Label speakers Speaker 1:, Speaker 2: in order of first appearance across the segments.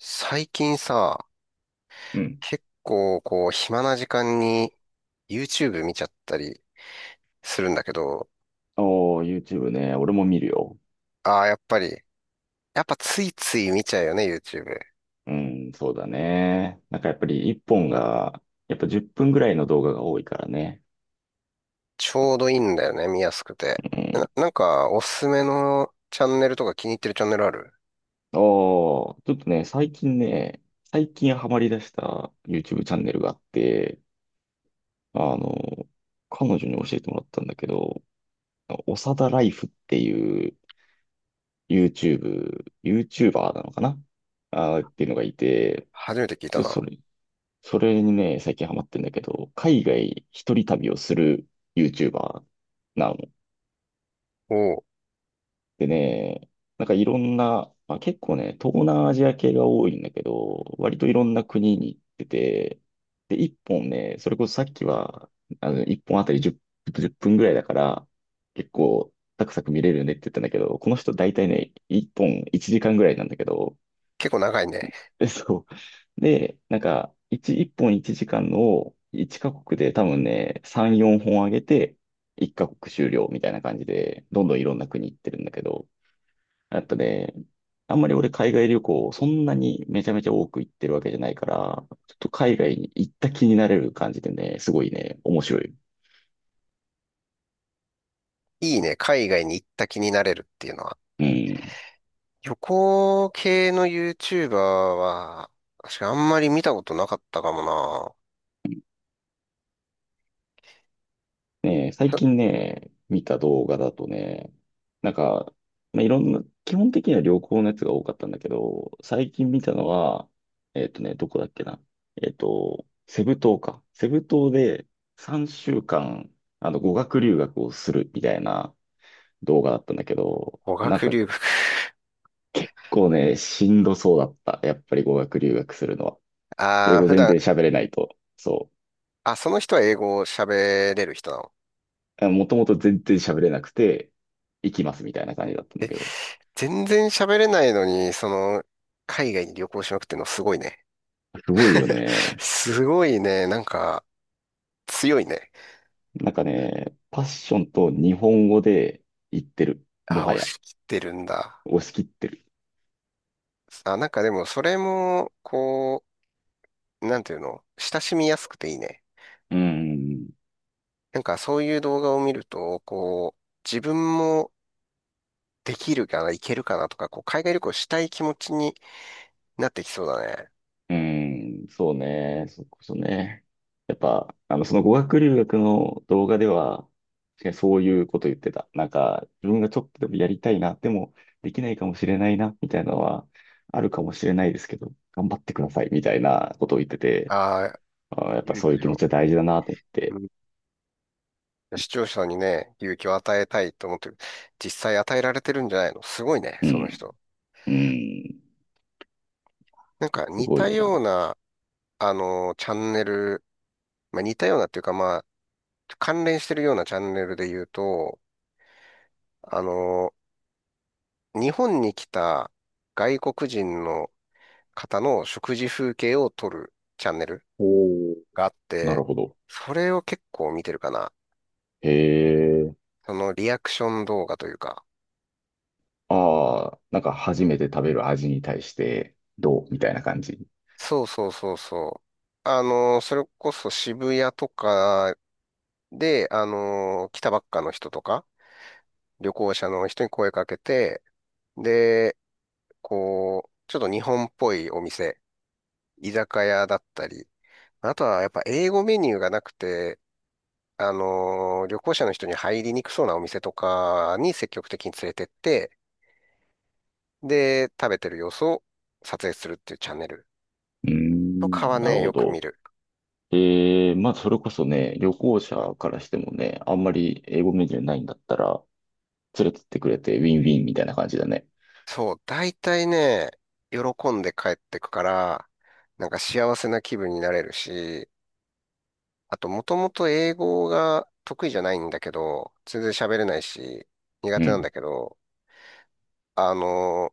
Speaker 1: 最近さ、
Speaker 2: うん。
Speaker 1: 結構こう暇な時間に YouTube 見ちゃったりするんだけど、
Speaker 2: おー、YouTube ね。俺も見るよ。
Speaker 1: ああ、やっぱり、やっぱついつい見ちゃうよね、YouTube。
Speaker 2: うん、そうだね。なんかやっぱり一本が、やっぱ10分ぐらいの動画が多いからね。
Speaker 1: ちょうどいいんだよね、見やすくて。
Speaker 2: うん。
Speaker 1: なんかおすすめのチャンネルとか気に入ってるチャンネルある？
Speaker 2: おー、ちょっとね、最近ハマり出した YouTube チャンネルがあって、あの、彼女に教えてもらったんだけど、おさだライフっていう YouTuber なのかなっていうのがいて、
Speaker 1: 初めて聞いた
Speaker 2: そ、そ
Speaker 1: な。
Speaker 2: れ、それにね、最近ハマってんだけど、海外一人旅をする YouTuber なの。
Speaker 1: おお、
Speaker 2: でね、なんかいろんな、まあ、結構ね、東南アジア系が多いんだけど、割といろんな国に行ってて、で、一本ね、それこそさっきは、一本あたり10分ぐらいだから、結構、サクサク見れるねって言ったんだけど、この人大体ね、一本1時間ぐらいなんだけど、
Speaker 1: 結構長いね。
Speaker 2: そう。で、なんか、1、一本1時間のを1カ国で多分ね、3、4本上げて、1カ国終了みたいな感じで、どんどんいろんな国行ってるんだけど、やっぱね、あんまり俺海外旅行、そんなにめちゃめちゃ多く行ってるわけじゃないから、ちょっと海外に行った気になれる感じでね、すごいね、面白い。
Speaker 1: いいね、海外に行った気になれるっていうのは。
Speaker 2: うん。
Speaker 1: 旅行系の YouTuber は、確かあんまり見たことなかったかもな。
Speaker 2: ねえ、最近ね、見た動画だとね、なんか、まあ、いろんな、基本的には旅行のやつが多かったんだけど、最近見たのは、どこだっけな。セブ島か。セブ島で3週間、語学留学をするみたいな動画だったんだけど、
Speaker 1: 語
Speaker 2: なん
Speaker 1: 学
Speaker 2: か
Speaker 1: 留学。
Speaker 2: 結構ね、しんどそうだった。やっぱり語学留学するのは。英
Speaker 1: ああ、
Speaker 2: 語
Speaker 1: 普
Speaker 2: 全
Speaker 1: 段
Speaker 2: 然喋れないと。そ
Speaker 1: あ、その人は英語を喋れる人なの？
Speaker 2: う。もともと全然喋れなくて、行きますみたいな感じだったんだ
Speaker 1: え、
Speaker 2: けど。
Speaker 1: 全然喋れないのに、その、海外に旅行しまくってんのすごいね。
Speaker 2: すごいよ ね。
Speaker 1: すごいね。なんか、強いね。
Speaker 2: なんかね、パッションと日本語で言ってる。も
Speaker 1: あ、
Speaker 2: は
Speaker 1: 押
Speaker 2: や。
Speaker 1: し切ってるんだ。
Speaker 2: 押し切ってる。
Speaker 1: あ、なんかでも、それも、こう、なんていうの、親しみやすくていいね。
Speaker 2: うん。
Speaker 1: なんか、そういう動画を見ると、こう、自分もできるかな、いけるかなとか、こう、海外旅行したい気持ちになってきそうだね。
Speaker 2: うん。そうね。そこそね。やっぱ、その語学留学の動画では、確かにそういうこと言ってた。なんか、自分がちょっとでもやりたいな、でもできないかもしれないな、みたいなのは、あるかもしれないですけど、頑張ってください、みたいなことを言ってて、
Speaker 1: ああ、
Speaker 2: あー、やっぱ
Speaker 1: 勇
Speaker 2: そういう
Speaker 1: 気
Speaker 2: 気持
Speaker 1: を。
Speaker 2: ちは大事だなと思って。
Speaker 1: 視聴者にね、勇気を与えたいと思ってる。実際与えられてるんじゃないの、すごいね、
Speaker 2: う
Speaker 1: その
Speaker 2: ん。
Speaker 1: 人。
Speaker 2: うん。
Speaker 1: なんか
Speaker 2: す
Speaker 1: 似
Speaker 2: ごい
Speaker 1: た
Speaker 2: よ
Speaker 1: よう
Speaker 2: な。
Speaker 1: な、チャンネル、まあ、似たようなっていうか、まあ、関連してるようなチャンネルで言うと、あの、日本に来た外国人の方の食事風景を撮るチャンネル
Speaker 2: おー
Speaker 1: があっ
Speaker 2: なる
Speaker 1: て、
Speaker 2: ほど。
Speaker 1: それを結構見てるかな。
Speaker 2: へえ。
Speaker 1: そのリアクション動画というか。
Speaker 2: ああ、なんか初めて食べる味に対してどうみたいな感じ。
Speaker 1: そうそうそうそう。それこそ渋谷とかで、来たばっかの人とか、旅行者の人に声かけて、で、こう、ちょっと日本っぽいお店、居酒屋だったり、あとはやっぱ英語メニューがなくて、旅行者の人に入りにくそうなお店とかに積極的に連れてって、で、食べてる様子を撮影するっていうチャンネル
Speaker 2: うー
Speaker 1: とかは
Speaker 2: ん、なる
Speaker 1: ね、
Speaker 2: ほ
Speaker 1: よく見
Speaker 2: ど。
Speaker 1: る。
Speaker 2: ええ、まあ、それこそね、旅行者からしてもね、あんまり英語メニューないんだったら、連れてってくれてウィンウィンみたいな感じだね。
Speaker 1: そう、大体ね、喜んで帰ってくから、なんか幸せな気分になれるし、あと、もともと英語が得意じゃないんだけど、全然喋れないし、苦
Speaker 2: う
Speaker 1: 手なんだ
Speaker 2: ん。
Speaker 1: けど、あの、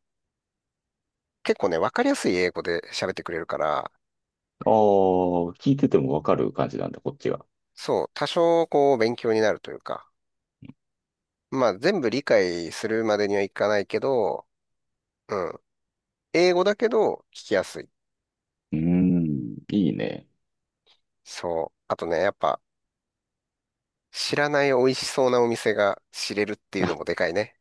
Speaker 1: 結構ね、わかりやすい英語で喋ってくれるから、
Speaker 2: ああ、聞いててもわかる感じなんだ、こっちは。
Speaker 1: そう、多少こう勉強になるというか、まあ全部理解するまでにはいかないけど、うん、英語だけど聞きやすい。
Speaker 2: うーん、いいね。
Speaker 1: そう。あとね、やっぱ知らない美味しそうなお店が知れるっていうの
Speaker 2: あ、
Speaker 1: もでかいね。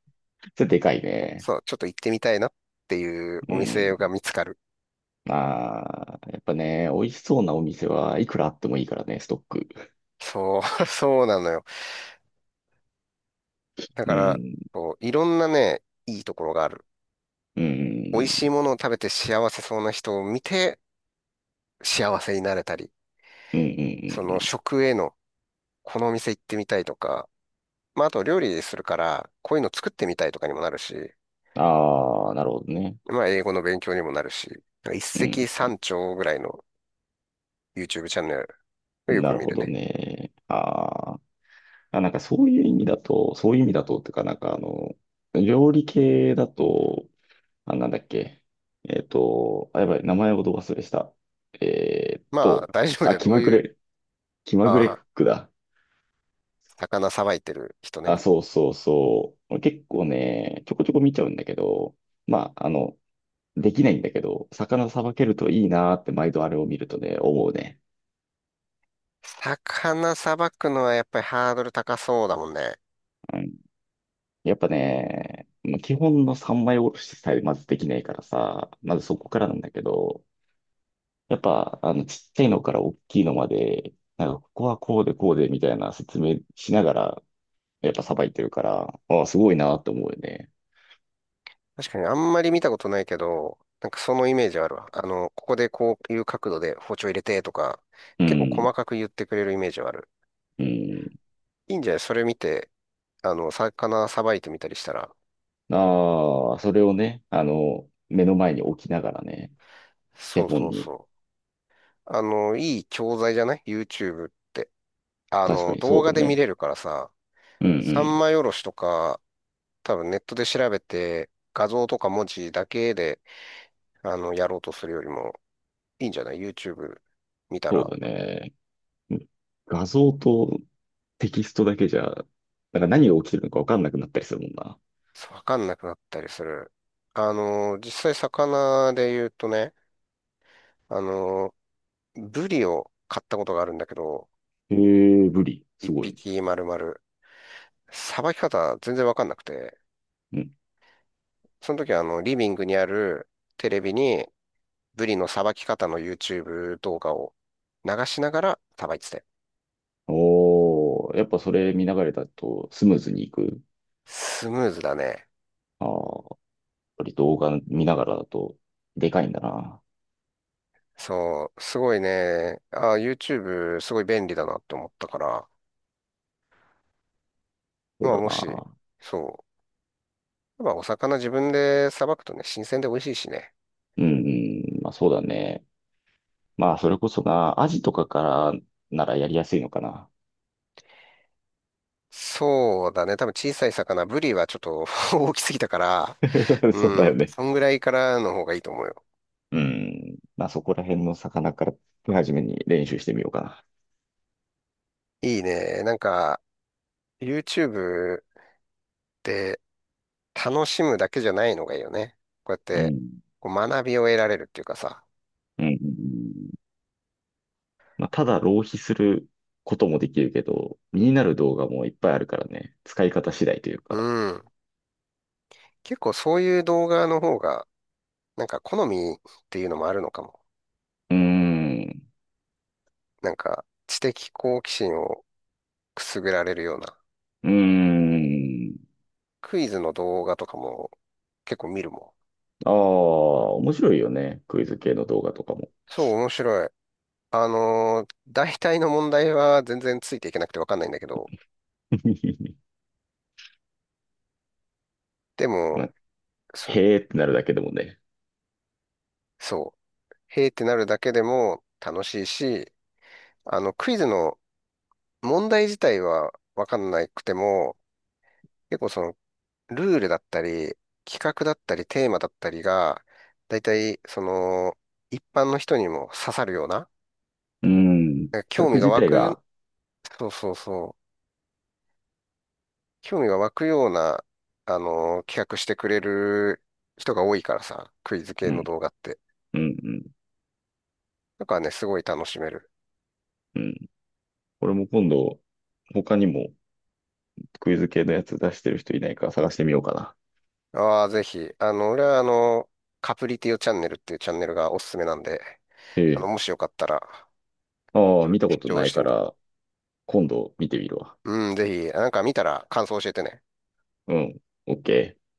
Speaker 2: それでかいね。
Speaker 1: そう、ちょっと行ってみたいなっていう
Speaker 2: う
Speaker 1: お
Speaker 2: ん。
Speaker 1: 店が見つかる。
Speaker 2: ああ、やっぱね、美味しそうなお店はいくらあってもいいからね、ストック。
Speaker 1: そう、そうなのよ。だ
Speaker 2: う
Speaker 1: から、
Speaker 2: ん。
Speaker 1: こういろんなね、いいところがある。
Speaker 2: う
Speaker 1: 美味
Speaker 2: ん。
Speaker 1: しいものを食べて幸せそうな人を見て幸せになれたり、
Speaker 2: うん。うん。
Speaker 1: その
Speaker 2: うん
Speaker 1: 食への、このお店行ってみたいとか、まああと料理するから、こういうの作ってみたいとかにもなるし、
Speaker 2: ああー、なるほどね。
Speaker 1: まあ英語の勉強にもなるし、一
Speaker 2: う
Speaker 1: 石
Speaker 2: ん。
Speaker 1: 三鳥ぐらいの YouTube チャンネルをよ
Speaker 2: な
Speaker 1: く
Speaker 2: る
Speaker 1: 見
Speaker 2: ほ
Speaker 1: る
Speaker 2: ど
Speaker 1: ね。
Speaker 2: ね。あーあ、なんかそういう意味だと、そういう意味だと、っていうか、なんかあの、料理系だと、あ、なんだっけ。あ、やばい、名前をど忘れした。えーっ
Speaker 1: まあ
Speaker 2: と、
Speaker 1: 大丈夫だ
Speaker 2: あ、
Speaker 1: よ。どういう、
Speaker 2: 気まぐ
Speaker 1: あ
Speaker 2: れク
Speaker 1: あ、
Speaker 2: ックだ。
Speaker 1: 魚さばいてる人ね。
Speaker 2: あ、そうそうそう。結構ね、ちょこちょこ見ちゃうんだけど、まあ、できないんだけど、魚さばけるといいなーって毎度あれを見るとね、思うね。
Speaker 1: 魚さばくのはやっぱりハードル高そうだもんね。
Speaker 2: うん。やっぱね、まあ基本の三枚おろしさえまずできないからさ、まずそこからなんだけど、やっぱ、ちっちゃいのから大きいのまで、なんか、ここはこうでこうでみたいな説明しながら、やっぱさばいてるから、ああ、すごいなーって思うよね。
Speaker 1: 確かにあんまり見たことないけど、なんかそのイメージあるわ。あの、ここでこういう角度で包丁入れてとか、
Speaker 2: う
Speaker 1: 結構
Speaker 2: ん。
Speaker 1: 細かく言ってくれるイメージはある。
Speaker 2: うん。
Speaker 1: いいんじゃないそれ見て、魚さばいてみたりしたら。
Speaker 2: ああ、それをね、目の前に置きながらね、手
Speaker 1: そう
Speaker 2: 本
Speaker 1: そう
Speaker 2: に。
Speaker 1: そう。いい教材じゃない？ YouTube って。
Speaker 2: 確かにそ
Speaker 1: 動
Speaker 2: う
Speaker 1: 画
Speaker 2: だ
Speaker 1: で見
Speaker 2: ね。
Speaker 1: れるからさ、
Speaker 2: うんう
Speaker 1: 三
Speaker 2: ん。
Speaker 1: 枚おろしとか、多分ネットで調べて、画像とか文字だけで、やろうとするよりも、いいんじゃない？ YouTube 見た
Speaker 2: そう
Speaker 1: ら。
Speaker 2: だね。画像とテキストだけじゃ、なんか何が起きてるのかわかんなくなったりするもんな。
Speaker 1: そうわかんなくなったりする。実際魚で言うとね、あの、ブリを買ったことがあるんだけど、
Speaker 2: へえ、ブリ。
Speaker 1: 一
Speaker 2: すごい。
Speaker 1: 匹丸々、さばき方全然わかんなくて、
Speaker 2: うん。
Speaker 1: その時はあの、リビングにあるテレビにブリのさばき方の YouTube 動画を流しながらさばいてて。
Speaker 2: おー、やっぱそれ見ながらだとスムーズにいく。
Speaker 1: スムーズだね。
Speaker 2: ああ、やっぱり動画見ながらだとでかいんだな。
Speaker 1: そう、すごいね。あ、YouTube すごい便利だなって思ったから、
Speaker 2: そ
Speaker 1: ま
Speaker 2: う
Speaker 1: あ
Speaker 2: だ
Speaker 1: もし、
Speaker 2: な。
Speaker 1: そう、まあ、お魚自分でさばくとね、新鮮で美味しいしね。
Speaker 2: うんうん。まあそうだね。まあ、それこそな、アジとかからならやりやすいのかな。
Speaker 1: そうだね。多分小さい魚、ブリはちょっと 大きすぎたから、
Speaker 2: そう
Speaker 1: う
Speaker 2: だよ
Speaker 1: ん、
Speaker 2: ね。
Speaker 1: そんぐらいからの方がいいと思うよ。
Speaker 2: うん。まあ、そこら辺の魚から手始めに練習してみようか
Speaker 1: いいね。なんか、YouTube で楽しむだけじゃないのがいいよね。こうやっ
Speaker 2: な。う
Speaker 1: て、
Speaker 2: ん。
Speaker 1: こう学びを得られるっていうかさ。
Speaker 2: うん。うんうんまあ、ただ浪費することもできるけど、身になる動画もいっぱいあるからね。使い方次第という
Speaker 1: う
Speaker 2: か。
Speaker 1: ん。結構そういう動画の方が、なんか好みっていうのもあるのかも。
Speaker 2: うーん。
Speaker 1: なんか、知的好奇心をくすぐられるような。
Speaker 2: うーん。
Speaker 1: クイズの動画とかも結構見るも
Speaker 2: ああ、面白いよね。クイズ系の動画とか
Speaker 1: ん。
Speaker 2: も。
Speaker 1: そう、面白い。大体の問題は全然ついていけなくてわかんないんだけど、で
Speaker 2: ま
Speaker 1: も、
Speaker 2: あ、
Speaker 1: そ、
Speaker 2: へーってなるだけでもね。
Speaker 1: そう、へーってなるだけでも楽しいし、クイズの問題自体はわかんなくても、結構その、ルールだったり、企画だったり、テーマだったりが、大体、その、一般の人にも刺さるような、
Speaker 2: うん。企
Speaker 1: 興味
Speaker 2: 画
Speaker 1: が
Speaker 2: 自
Speaker 1: 湧
Speaker 2: 体
Speaker 1: く、
Speaker 2: が、
Speaker 1: そうそうそう。興味が湧くような、企画してくれる人が多いからさ、クイズ
Speaker 2: う
Speaker 1: 系の
Speaker 2: ん、
Speaker 1: 動画って。
Speaker 2: うん、うん。
Speaker 1: だからね、すごい楽しめる。
Speaker 2: うん。俺も今度、他にもクイズ系のやつ出してる人いないか探してみようかな。
Speaker 1: ああ、ぜひ。あの、俺はあの、カプリティオチャンネルっていうチャンネルがおすすめなんで、
Speaker 2: ええ。
Speaker 1: もしよかったら、
Speaker 2: ああ、見た
Speaker 1: 視
Speaker 2: こと
Speaker 1: 聴
Speaker 2: な
Speaker 1: し
Speaker 2: い
Speaker 1: て
Speaker 2: か
Speaker 1: みてください。
Speaker 2: ら、今度見てみるわ。
Speaker 1: うん、ぜひ、なんか見たら感想教えてね。
Speaker 2: うん。オッケー。